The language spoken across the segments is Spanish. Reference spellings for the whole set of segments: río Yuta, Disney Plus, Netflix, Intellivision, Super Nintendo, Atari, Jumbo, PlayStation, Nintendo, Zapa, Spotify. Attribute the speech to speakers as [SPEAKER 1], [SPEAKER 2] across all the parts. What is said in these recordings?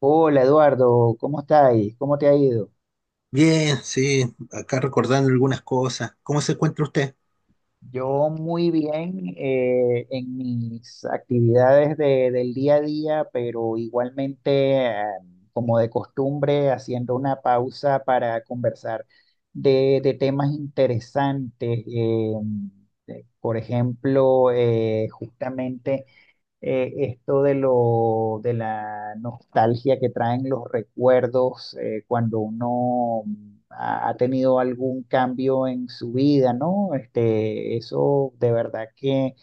[SPEAKER 1] Hola Eduardo, ¿cómo estáis? ¿Cómo te ha ido?
[SPEAKER 2] Bien, sí, acá recordando algunas cosas. ¿Cómo se encuentra usted?
[SPEAKER 1] Yo muy bien, en mis actividades del día a día, pero igualmente, como de costumbre, haciendo una pausa para conversar de temas interesantes. Por ejemplo, justamente esto de la nostalgia que traen los recuerdos, cuando uno ha tenido algún cambio en su vida, ¿no? Este, eso de verdad que,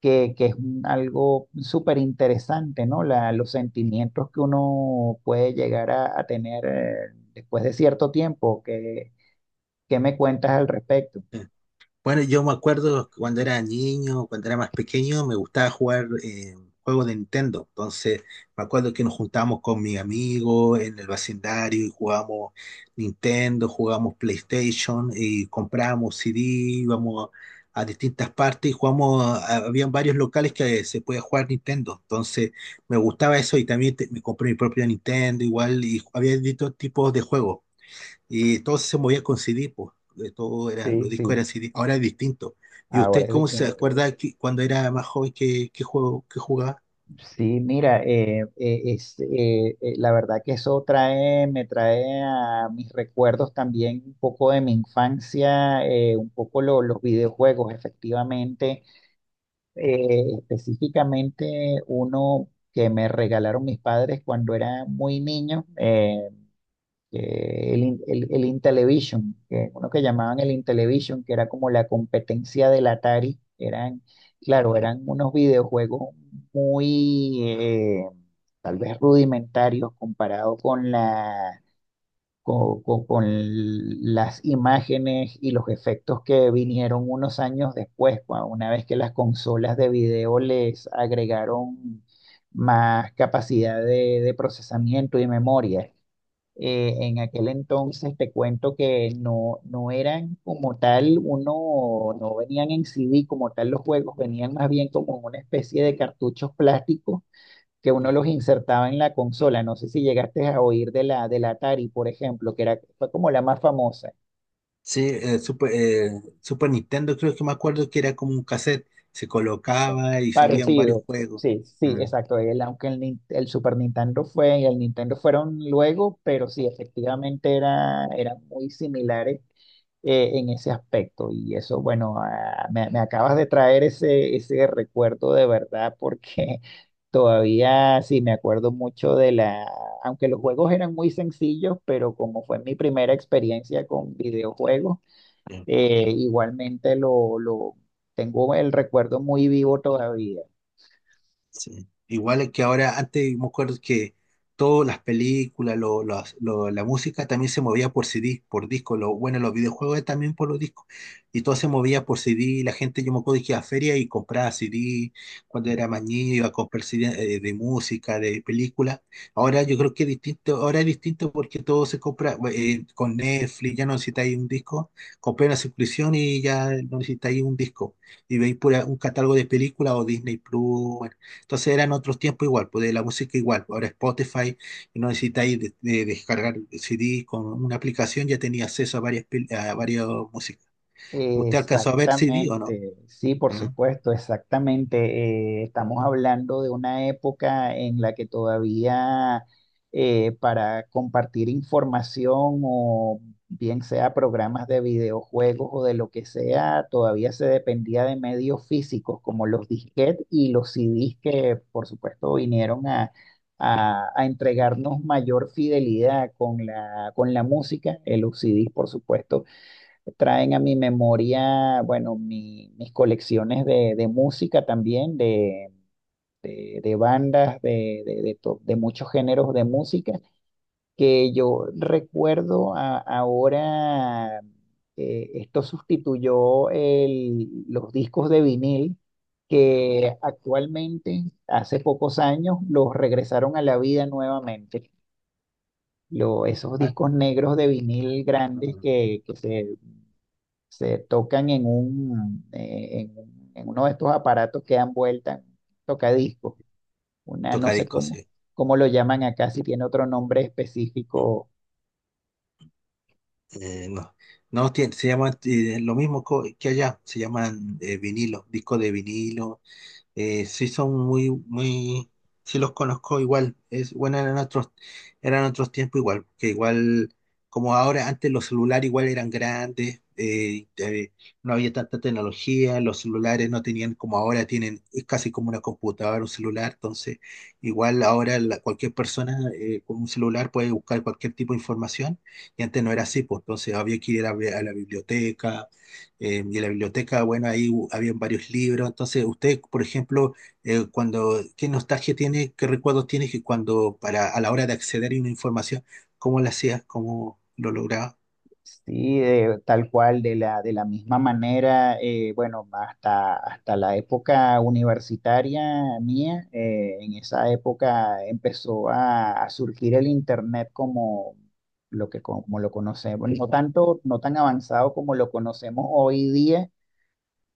[SPEAKER 1] que, que es algo súper interesante, ¿no? Los sentimientos que uno puede llegar a tener, después de cierto tiempo. ¿Qué me cuentas al respecto?
[SPEAKER 2] Bueno, yo me acuerdo cuando era niño, cuando era más pequeño, me gustaba jugar juegos de Nintendo. Entonces, me acuerdo que nos juntábamos con mis amigos en el vecindario y jugábamos Nintendo, jugábamos PlayStation y comprábamos CD, íbamos a distintas partes y jugamos, habían varios locales que se podía jugar Nintendo. Entonces, me gustaba eso y también me compré mi propio Nintendo igual y había distintos tipos de juegos. Y todo se movía con CD, pues. De todo era,
[SPEAKER 1] Sí,
[SPEAKER 2] los discos
[SPEAKER 1] sí,
[SPEAKER 2] eran CD, ahora es distinto. ¿Y
[SPEAKER 1] ahora
[SPEAKER 2] usted
[SPEAKER 1] es
[SPEAKER 2] cómo se
[SPEAKER 1] distinto.
[SPEAKER 2] acuerda que cuando era más joven qué, qué juego que jugaba?
[SPEAKER 1] Sí, mira, la verdad que eso trae, me trae a mis recuerdos también un poco de mi infancia, un poco los videojuegos, efectivamente, específicamente uno que me regalaron mis padres cuando era muy niño. Que el, In- el, El Intellivision, que uno que llamaban el Intellivision, que era como la competencia del Atari, eran, claro, eran unos videojuegos muy, tal vez rudimentarios comparado con la, con las imágenes y los efectos que vinieron unos años después, una vez que las consolas de video les agregaron más capacidad de procesamiento y memoria. En aquel entonces te cuento que no, no eran como tal, uno, no venían en CD como tal los juegos, venían más bien como en una especie de cartuchos plásticos que uno los insertaba en la consola. No sé si llegaste a oír de la Atari, por ejemplo, que era, fue como la más famosa.
[SPEAKER 2] Sí, Super Nintendo creo que me acuerdo que era como un cassette, se
[SPEAKER 1] Como
[SPEAKER 2] colocaba y se habían varios
[SPEAKER 1] parecido,
[SPEAKER 2] juegos.
[SPEAKER 1] sí, sí,
[SPEAKER 2] Mm.
[SPEAKER 1] exacto. El Super Nintendo fue y el Nintendo fueron luego, pero sí, efectivamente era, eran muy similares en ese aspecto. Y eso, bueno, ah, me acabas de traer ese recuerdo de verdad porque todavía sí me acuerdo mucho de la, aunque los juegos eran muy sencillos, pero como fue mi primera experiencia con videojuegos, lo tengo, el recuerdo muy vivo todavía.
[SPEAKER 2] Sí. Igual es que ahora, antes me acuerdo que todas las películas, la música también se movía por CD, por disco. Lo, bueno, los videojuegos también por los discos. Y todo se movía por CD. La gente, yo me acuerdo que iba a feria y compraba CD. Cuando era más niño, iba a comprar CD de música, de película. Ahora yo creo que es distinto. Ahora es distinto porque todo se compra con Netflix. Ya no necesitáis un disco. Compré una suscripción y ya no necesitáis un disco. Y veis pura, un catálogo de películas o Disney Plus. Bueno, entonces eran otros tiempos igual, pues de la música igual. Ahora Spotify, y no necesitáis de descargar CD con una aplicación, ya tenía acceso a varias, a varias músicas. ¿Usted alcanzó a ver CD o no?
[SPEAKER 1] Exactamente, sí, por
[SPEAKER 2] ¿Mm?
[SPEAKER 1] supuesto, exactamente. Estamos hablando de una época en la que todavía, para compartir información o bien sea programas de videojuegos o de lo que sea, todavía se dependía de medios físicos como los disquetes y los CDs que por supuesto vinieron a entregarnos mayor fidelidad con la música. Los CDs, por supuesto, traen a mi memoria, bueno, mis colecciones de música también, de bandas, de muchos géneros de música, que yo recuerdo ahora, esto sustituyó los discos de vinil, que actualmente, hace pocos años, los regresaron a la vida nuevamente. Esos
[SPEAKER 2] Ah,
[SPEAKER 1] discos negros de vinil grandes
[SPEAKER 2] mm,
[SPEAKER 1] que se tocan en un, en uno de estos aparatos que dan vuelta, un tocadiscos, una, no
[SPEAKER 2] toca
[SPEAKER 1] sé
[SPEAKER 2] discos,
[SPEAKER 1] cómo,
[SPEAKER 2] sí.
[SPEAKER 1] cómo lo llaman acá, si tiene otro nombre específico.
[SPEAKER 2] No, se llama lo mismo que allá, se llaman vinilo, disco de vinilo, sí son muy, muy, sí los conozco igual, es, bueno, eran otros tiempos igual, que igual, como ahora, antes los celulares igual eran grandes, no había tanta tecnología, los celulares no tenían como ahora tienen, es casi como una computadora, un celular, entonces igual ahora cualquier persona con un celular puede buscar cualquier tipo de información, y antes no era así, pues entonces había que ir a la biblioteca y en la biblioteca, bueno, ahí habían varios libros. Entonces, usted, por ejemplo, cuando, ¿qué nostalgia tiene, qué recuerdos tiene que cuando, para, a la hora de acceder a una información, cómo la hacía, cómo lo lograba?
[SPEAKER 1] Sí, tal cual, de la misma manera, bueno, hasta, hasta la época universitaria mía. En esa época empezó a surgir el internet como... lo que, como lo conocemos, no tanto, no tan avanzado como lo conocemos hoy día,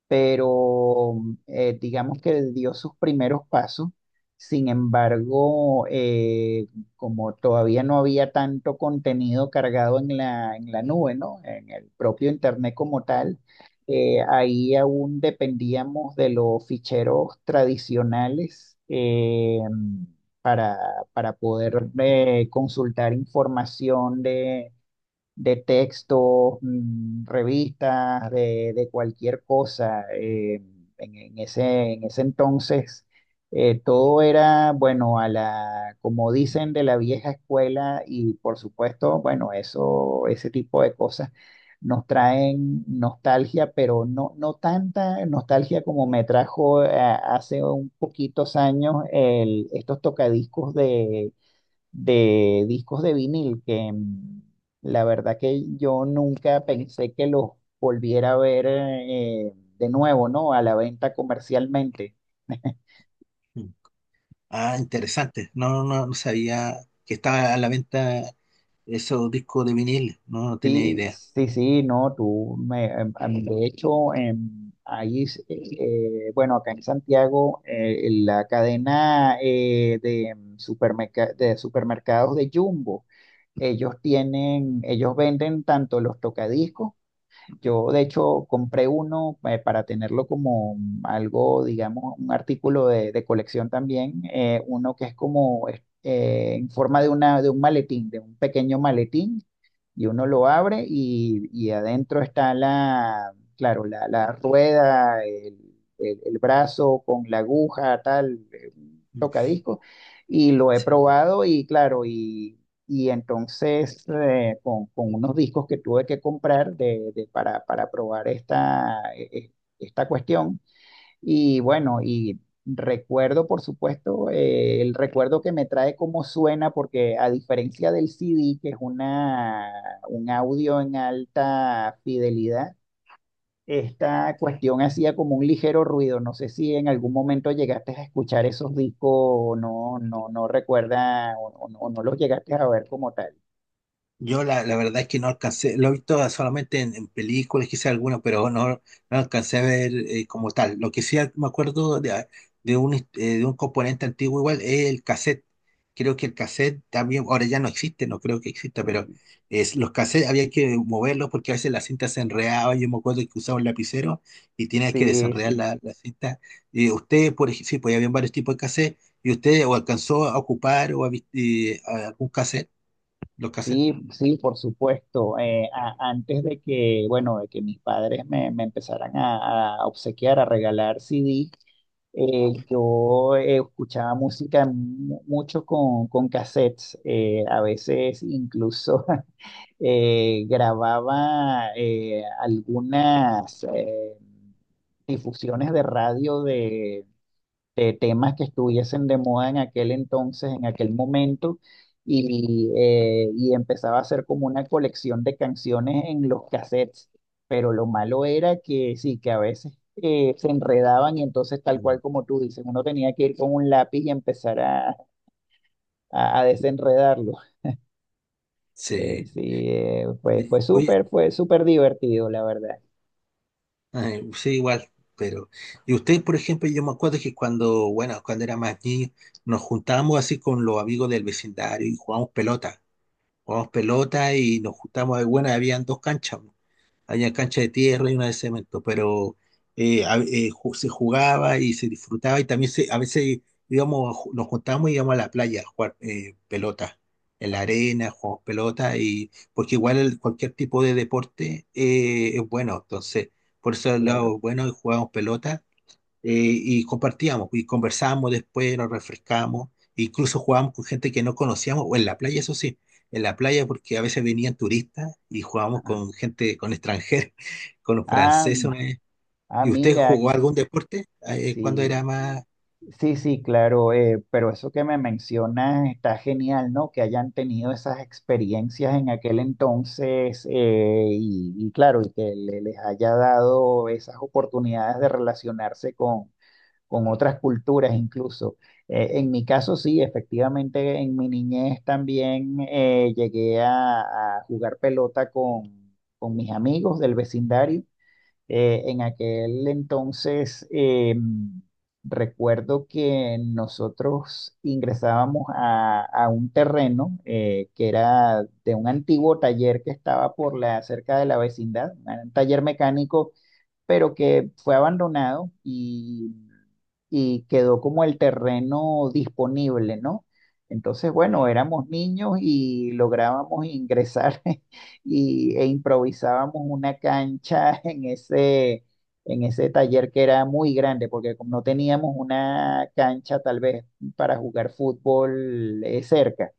[SPEAKER 1] pero, digamos que él dio sus primeros pasos. Sin embargo, como todavía no había tanto contenido cargado en la nube, ¿no? En el propio Internet como tal, ahí aún dependíamos de los ficheros tradicionales, para, para poder consultar información de texto, mm, revistas, de cualquier cosa. En ese entonces, todo era, bueno, a la, como dicen, de la vieja escuela. Y por supuesto, bueno, ese tipo de cosas nos traen nostalgia, pero no, no tanta nostalgia como me trajo, hace un poquitos años, estos tocadiscos de discos de vinil, la verdad que yo nunca pensé que los volviera a ver, de nuevo, ¿no? A la venta comercialmente.
[SPEAKER 2] Mm. Ah, interesante. No, no, no sabía que estaba a la venta esos discos de vinil. No, no tenía
[SPEAKER 1] Sí,
[SPEAKER 2] idea.
[SPEAKER 1] sí, sí, no, tú, me, em, em, de hecho, ahí, bueno, acá en Santiago, la cadena de supermercados de Jumbo, ellos tienen, ellos venden tanto los tocadiscos. Yo, de hecho, compré uno, para tenerlo como algo, digamos, un artículo de colección también, uno que es como, en forma de, una, de un maletín, de un pequeño maletín, y uno lo abre y adentro está la, claro, la rueda, el, el brazo con la aguja, tal, un
[SPEAKER 2] Mm.
[SPEAKER 1] tocadisco, y lo he
[SPEAKER 2] Sí.
[SPEAKER 1] probado y claro, y entonces, con unos discos que tuve que comprar para probar esta, esta cuestión. Y bueno, y recuerdo, por supuesto, el recuerdo que me trae cómo suena, porque a diferencia del CD, que es una, un audio en alta fidelidad, esta cuestión hacía como un ligero ruido. No sé si en algún momento llegaste a escuchar esos discos o no, no, no recuerda, o no, o no los llegaste a ver como tal.
[SPEAKER 2] Yo la, la verdad es que no alcancé, lo he visto solamente en películas, quizá alguna, pero no, no alcancé a ver como tal. Lo que sí me acuerdo de un componente antiguo igual es el cassette. Creo que el cassette también, ahora ya no existe, no creo que exista, pero
[SPEAKER 1] Sí,
[SPEAKER 2] es, los cassettes había que moverlos porque a veces la cinta se enredaba. Yo me acuerdo que usaba un lapicero y tenías que
[SPEAKER 1] sí,
[SPEAKER 2] desenredar
[SPEAKER 1] sí.
[SPEAKER 2] la, la cinta. Y usted, por ejemplo, sí, pues había varios tipos de cassette, y usted o alcanzó a ocupar o a, a algún cassette, los cassettes.
[SPEAKER 1] Sí, sí, por supuesto. Antes de que, bueno, de que mis padres me empezaran a obsequiar, a regalar CD, yo escuchaba música mucho con cassettes. A veces incluso grababa algunas difusiones de radio de temas que estuviesen de moda en aquel entonces, en aquel momento, y empezaba a hacer como una colección de canciones en los cassettes. Pero lo malo era que sí, que a veces se enredaban y entonces tal cual como tú dices, uno tenía que ir con un lápiz y empezar a desenredarlo.
[SPEAKER 2] Sí.
[SPEAKER 1] Sí, fue,
[SPEAKER 2] Y, oye,
[SPEAKER 1] fue súper divertido, la verdad.
[SPEAKER 2] ay, sí, igual, pero... Y ustedes, por ejemplo, yo me acuerdo que cuando, bueno, cuando era más niño, nos juntábamos así con los amigos del vecindario y jugábamos pelota. Jugábamos pelota y nos juntábamos, bueno, habían dos canchas. Había cancha de tierra y una de cemento, pero se jugaba y se disfrutaba y también se, a veces digamos, nos juntábamos y íbamos a la playa a jugar pelota, en la arena, jugamos pelota, y, porque igual cualquier tipo de deporte es bueno, entonces por eso es
[SPEAKER 1] Claro.
[SPEAKER 2] lo bueno y jugábamos pelota, y compartíamos y conversábamos después, nos refrescábamos, e incluso jugábamos con gente que no conocíamos, o en la playa, eso sí, en la playa porque a veces venían turistas y jugábamos
[SPEAKER 1] Ajá.
[SPEAKER 2] con gente, con extranjeros, con los
[SPEAKER 1] Ah,
[SPEAKER 2] franceses. Una vez.
[SPEAKER 1] ah,
[SPEAKER 2] ¿Y usted
[SPEAKER 1] mira,
[SPEAKER 2] jugó algún deporte cuando era
[SPEAKER 1] sí.
[SPEAKER 2] más...
[SPEAKER 1] Sí, sí, claro, pero eso que me mencionas está genial, ¿no? Que hayan tenido esas experiencias en aquel entonces, y claro, y que les haya dado esas oportunidades de relacionarse con otras culturas incluso. En mi caso, sí, efectivamente, en mi niñez también llegué a jugar pelota con mis amigos del vecindario. En aquel entonces, recuerdo que nosotros ingresábamos a un terreno que era de un antiguo taller que estaba por la, cerca de la vecindad, un taller mecánico, pero que fue abandonado y quedó como el terreno disponible, ¿no? Entonces, bueno, éramos niños y lográbamos ingresar y, e improvisábamos una cancha en ese taller que era muy grande, porque como no teníamos una cancha tal vez para jugar fútbol cerca.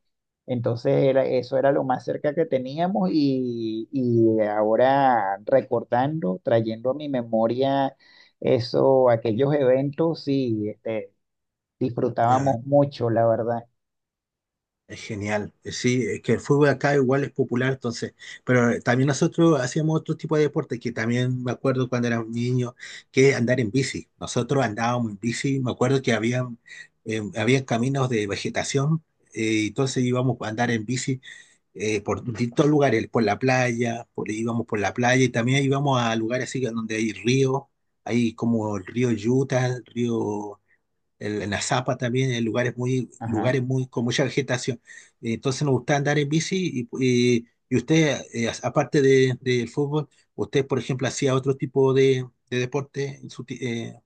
[SPEAKER 1] Entonces era, eso era lo más cerca que teníamos, y ahora recordando, trayendo a mi memoria eso, aquellos eventos, sí, este, disfrutábamos mucho, la verdad.
[SPEAKER 2] Es genial, sí, es que el fútbol acá igual es popular, entonces, pero también nosotros hacíamos otro tipo de deporte que también me acuerdo cuando éramos niños, que andar en bici. Nosotros andábamos en bici, me acuerdo que habían, habían caminos de vegetación, entonces íbamos a andar en bici por distintos lugares, por la playa, por, íbamos por la playa y también íbamos a lugares así que donde hay ríos, hay como el río Yuta, el río en la Zapa también, en
[SPEAKER 1] Ajá.
[SPEAKER 2] lugares muy, con mucha vegetación. Entonces nos gusta andar en bici y usted, aparte de, del fútbol, usted, por ejemplo, hacía otro tipo de deporte en su,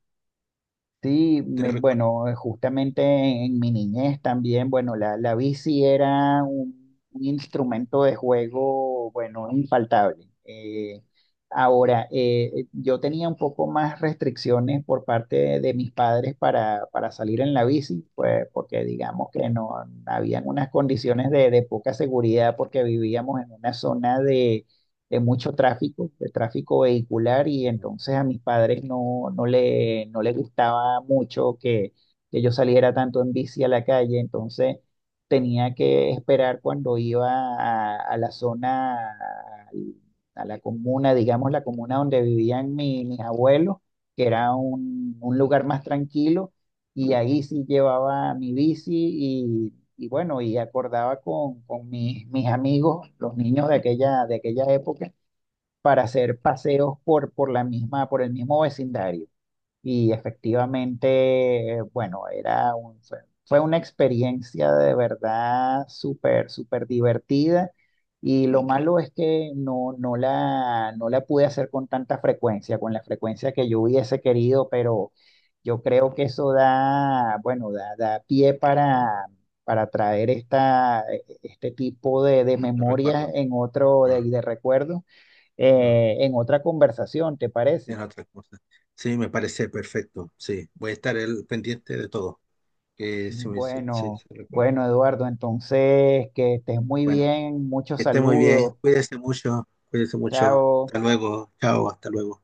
[SPEAKER 1] Sí,
[SPEAKER 2] de recuerdo.
[SPEAKER 1] bueno, justamente en mi niñez también, bueno, la bici era un instrumento de juego, bueno, infaltable. Ahora, yo tenía un poco más restricciones por parte de mis padres para salir en la bici, pues porque digamos que no habían unas condiciones de poca seguridad porque vivíamos en una zona de mucho tráfico, de tráfico vehicular, y
[SPEAKER 2] Ujú,
[SPEAKER 1] entonces a mis padres no, no le, no les gustaba mucho que yo saliera tanto en bici a la calle. Entonces tenía que esperar cuando iba a la zona, al- a la comuna, digamos la comuna donde vivían mis abuelos, que era un lugar más tranquilo, y ahí sí llevaba mi bici y bueno, y acordaba con mis, mis amigos, los niños de aquella época, para hacer paseos por la misma, por el mismo vecindario. Y efectivamente, bueno, fue una experiencia de verdad súper, súper divertida. Y lo malo es que no, no la, no la pude hacer con tanta frecuencia, con la frecuencia que yo hubiese querido, pero yo creo que eso da, bueno, da, da pie para traer esta, este tipo de
[SPEAKER 2] esto
[SPEAKER 1] memorias
[SPEAKER 2] recuerdo.
[SPEAKER 1] en otro,
[SPEAKER 2] Mm,
[SPEAKER 1] de recuerdos,
[SPEAKER 2] mm,
[SPEAKER 1] en otra conversación, ¿te parece?
[SPEAKER 2] en otras cosas. Sí, me parece perfecto. Sí, voy a estar el, pendiente de todo. Que se me- se- se-
[SPEAKER 1] Bueno,
[SPEAKER 2] se recuerda.
[SPEAKER 1] bueno, Eduardo, entonces que estés muy
[SPEAKER 2] Bueno,
[SPEAKER 1] bien, muchos
[SPEAKER 2] que esté muy bien.
[SPEAKER 1] saludos,
[SPEAKER 2] Cuídese mucho. Cuídese mucho.
[SPEAKER 1] chao.
[SPEAKER 2] Hasta luego. Chao, hasta luego.